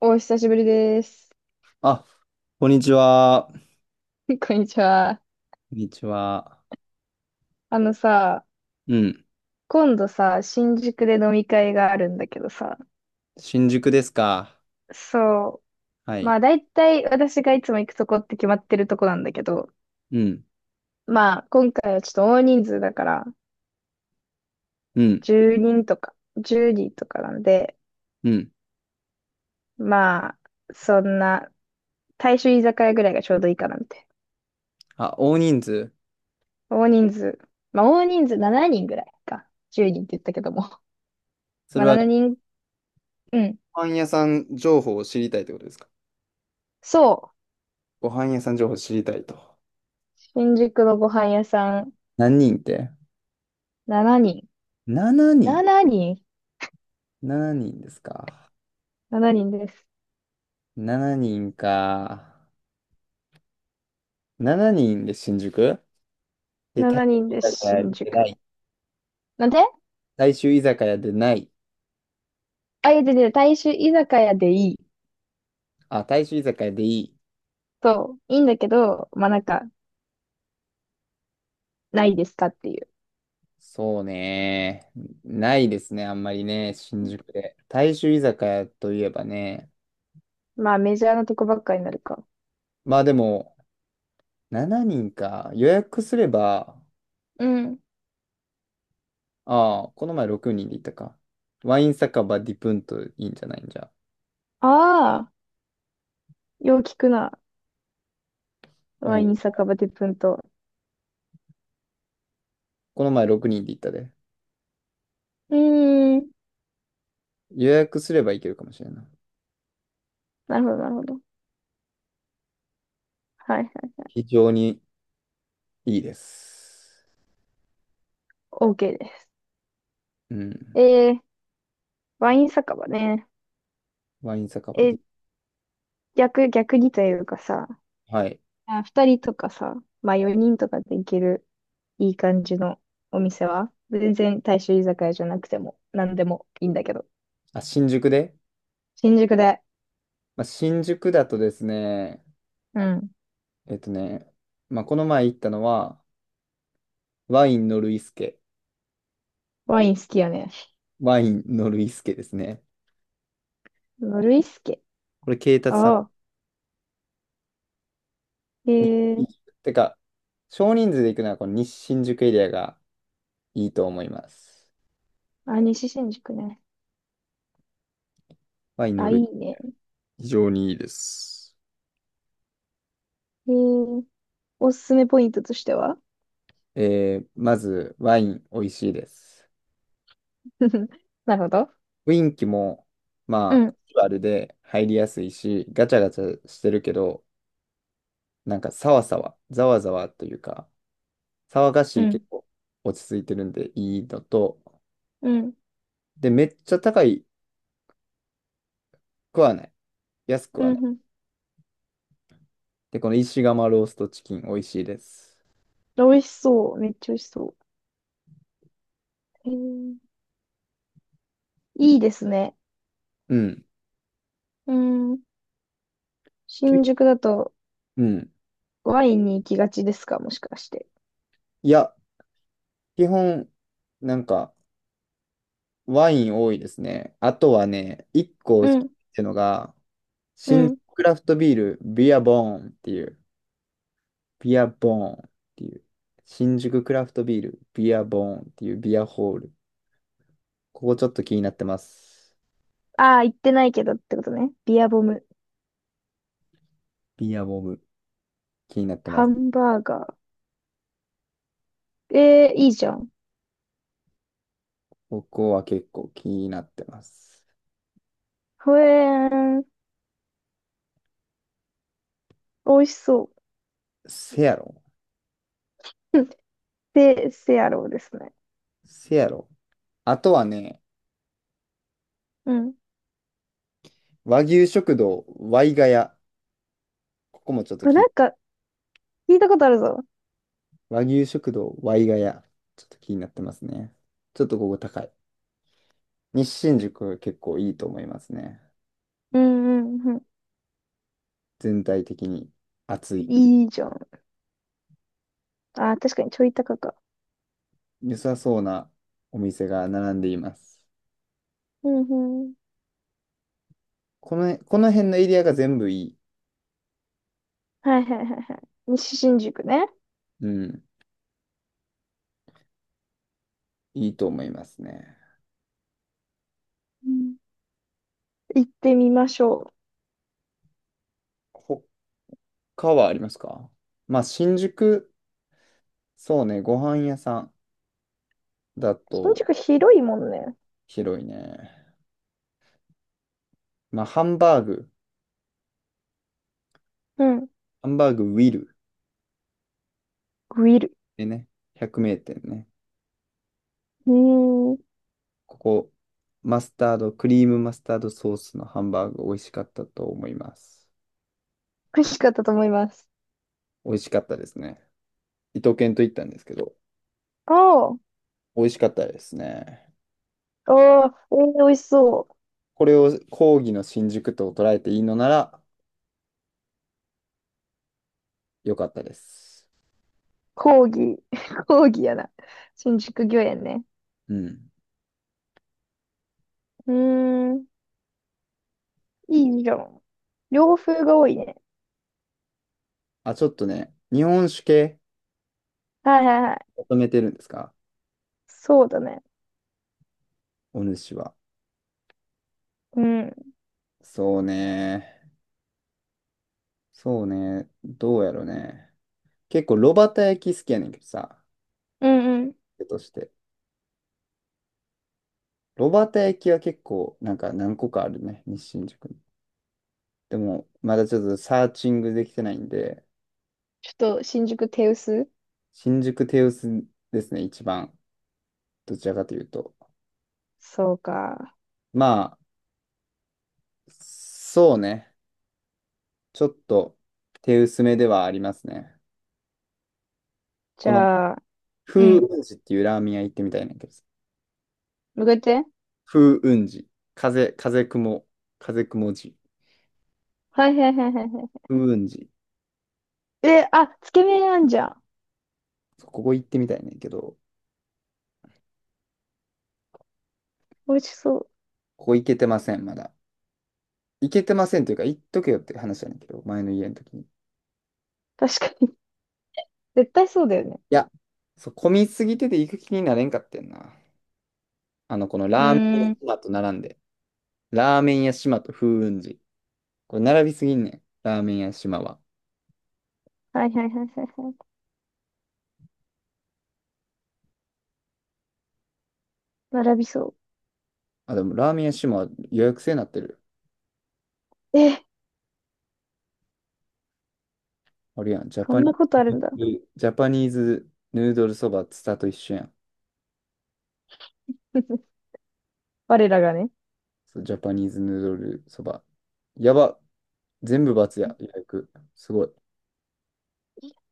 お久しぶりです。あ、こんにちは。こ こんにちは。んにちは。あのさ、うん。今度さ、新宿で飲み会があるんだけどさ、新宿ですか。そはう、まい。あ大体私がいつも行くとこって決まってるとこなんだけど、うん。まあ今回はちょっと大人数だから、うん。10人とか、10人とかなんで、うん。まあ、そんな、大衆居酒屋ぐらいがちょうどいいかなみたいあ、大人数。な。大人数、まあ大人数7人ぐらいか。10人って言ったけども。そまあれは、7人、うん。ご飯屋さん情報を知りたいってことですか。そう。ご飯屋さん情報を知りたいと。新宿のご飯屋さん。何人って 7人。?7 人。7人 7人ですか。?7 人です。7人か。7人で新宿で、大7衆人居です、酒屋新でな宿。い。なんで、大衆居酒屋でない。あ、いや、で、大衆居酒屋でいい。あ、大衆居酒屋でいい。そう、いいんだけど、まあ、なんか、ないですかっていう。そうね。ないですね、あんまりね、新宿で。大衆居酒屋といえばね。まあ、メジャーなとこばっかになるか。まあでも、7人か。予約すれば、うん。ああ、この前6人で行ったか。ワイン酒場ディプンといいんじゃないんじゃ。ああ、よう聞くな。ワワイン、イン酒場でプンと。この前6人で行ったで。うーん。予約すれば行けるかもしれない。なるほど、なるほど。はいはい。非常にいいです。OK です。うん。えー、ワイン酒場ね。ワイン酒場ディ、え、逆にというかさ、はい。あ、2人とかさ、まあ4人とかで行けるいい感じのお店は、全然大衆居酒屋じゃなくても何でもいいんだけど。あ、新宿で、新宿で。まあ、新宿だとですね、うん。えっとね、まあ、この前行ったのは、ワインのルイスケ。ワイン好きよね。ワインのルイスケですね。ノルイスケ。これ、慶達さんああ。へえ。に、てか、少人数で行くのは、この西新宿エリアがいいと思います。あ、西新宿ね。ワインのあ、いルイ、いね。非常にいいです。へえ。おすすめポイントとしては？ まず、ワイン美味しいです。なるほど。雰囲気も、うまあ、カん、ジュアルで入りやすいし、ガチャガチャしてるけど、なんか、サワサワざわざわというか、騒がうしいけん、ど、落ち着いてるんでいいのと、うん、で、めっちゃ高くはない。安くうはない。ん。うん。で、この石窯ローストチキン、美味しいです。美味しそう。めっちゃ美味しそう。へえ。いいですね。うん。うん。け、新宿だとうん。ワインに行きがちですか、もしかして。いや、基本、なんか、ワイン多いですね。あとはね、一個っうん、てのが、う新宿ん。クラフトビール、ビアボーンっていう、ビアボーンっていう、新宿クラフトビール、ビアボーンっていうビアホール。ここちょっと気になってます。ああ、行ってないけどってことね。ビアボム。ビアボブ、気になってまハす。ンバーガー。いいじゃん。ここは結構気になってます。ほえーん。美味しそう。せやろ。せやろうですね。せやろ。あとはね、うん。和牛食堂ワイガヤ。ここもちょっとあ、な気、んか、聞いたことあるぞ。和牛食堂ワイガヤ。ちょっと気になってますね。ちょっとここ高い。西新宿は結構いいと思いますね。うん、うん、うん。全体的に暑い。いいじゃん。あー、確かにちょい高か。良さそうなお店が並んでいます。うんうん。この辺のエリアが全部いい。はいはいはいはい。西新宿ね。うん。いいと思いますね。うん。行ってみましょう。他はありますか。まあ、新宿、そうね、ご飯屋さんだ新と宿広いもんね。広いね。まあ、うん。ハンバーグウィル。グリル。でね、百名店ね。うーん。美ここ、マスタード、クリームマスタードソースのハンバーグ美味しかったと思います。味しかったと思います。美味しかったですね。伊藤健と行ったんですけど、おー。美味しかったですね。おー、美味しそう。これを講義の新宿と捉えていいのなら良かったです。講義、講義やな。新宿御苑ね。うん。うーん、いいじゃん。洋風が多いね。あ、ちょっとね、日本酒系はいはいはい。求めてるんですか、そうだね。お主は。うん、そうね。そうね。どうやろね。結構、炉端焼き好きやねんけどさ、うんうん。手として。ロバータ駅は結構、なんか何個かあるね、西新宿に。でも、まだちょっとサーチングできてないんで、ちょっと新宿手薄新宿テウスですね、一番。どちらかというと。そうか。まあ、そうね。ちょっと手薄めではありますね。じこの、ゃあ、う風ん。雲寺っていうラーメン屋行ってみたいなんだけどさ。向かって。風雲寺。風、風雲、風雲寺。はいはいはいはいは風雲寺。い。え、あ、つけ麺あんじゃん。そう、ここ行ってみたいねんだけど、美味しそう。ここ行けてません、まだ。行けてませんというか、行っとけよって話なんだけど、前の家の時に。確かに。絶対そうだよね。いや、そう、混みすぎてて行く気になれんかってんな。あの、このうラーメンー屋ん。島と並んで。ラーメン屋島と風雲寺。これ並びすぎんねん。ラーメン屋島は。はいはいはいはいはい。並びそあ、でもラーメン屋島は予約制になってる。う。え、あれやん。そんなことあるんだ。ジャパニーズヌードルそばツタと一緒やん。我らがね。そう、ジャパニーズヌードルそば。やば。全部×や。予約。すごい。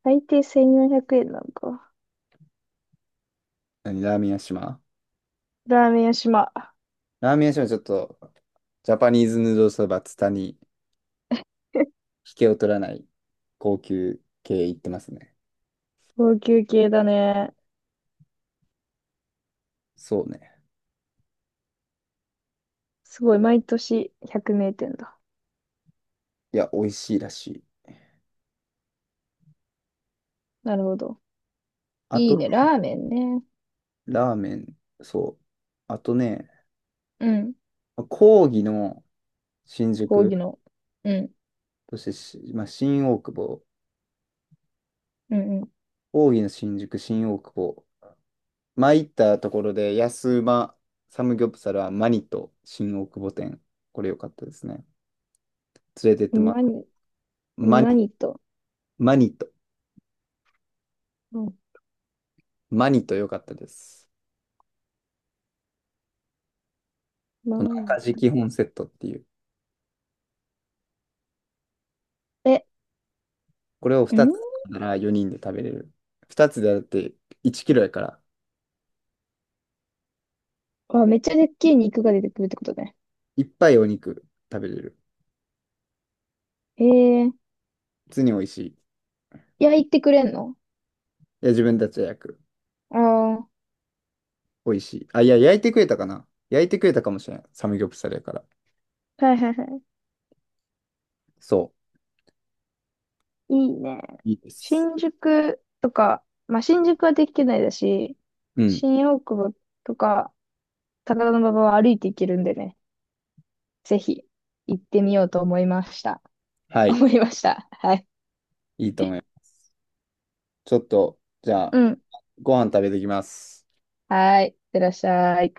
最低1400円なのか。何、ラーメン屋島、ラーメン屋島。ラーメン屋島はちょっと、ジャパニーズヌードルそばツタに 引けを取らない高級系行ってますね。高級系だね。そうね。すごい、毎年100名店だ。いや、美味しいらしい。なるほど。あいいと、ね、ラーメンね。ラーメン、そう。あとね、うん。講義の新講宿、義の。うん。そしてし、まあ、新大久保、うん講義の新宿、新大久保。前行ったところで、安うまサムギョプサルはマニと新大久保店。これ良かったですね。連れてっうてもん。らっマたニマニ、マニと。マニと、うん。マニと良かったです。マこのニ赤字と。基本セットっていう。え、これをう2ん、つなら4人で食べれる。2つでだって1キロやから。あ、めっちゃでっけえ肉が出てくるってことね。いっぱいお肉食べれる。ええ。普通に美味しい。い焼いてくれんの？や、自分たちで焼く。ああ美味しい。あ、いや、焼いてくれたかもしれない。サムギョプサルやから。ー。はいはいはい。そいいね。う。いいです。新宿とか、まあ、新宿はできないだし、うん。新大久保とか、高田馬場は歩いて行けるんでね。ぜひ行ってみようと思いました。は い。思いました。はい。いいと思います。ちょっと、じゃあ、うん。ご飯食べてきます。はい。いってらっしゃい。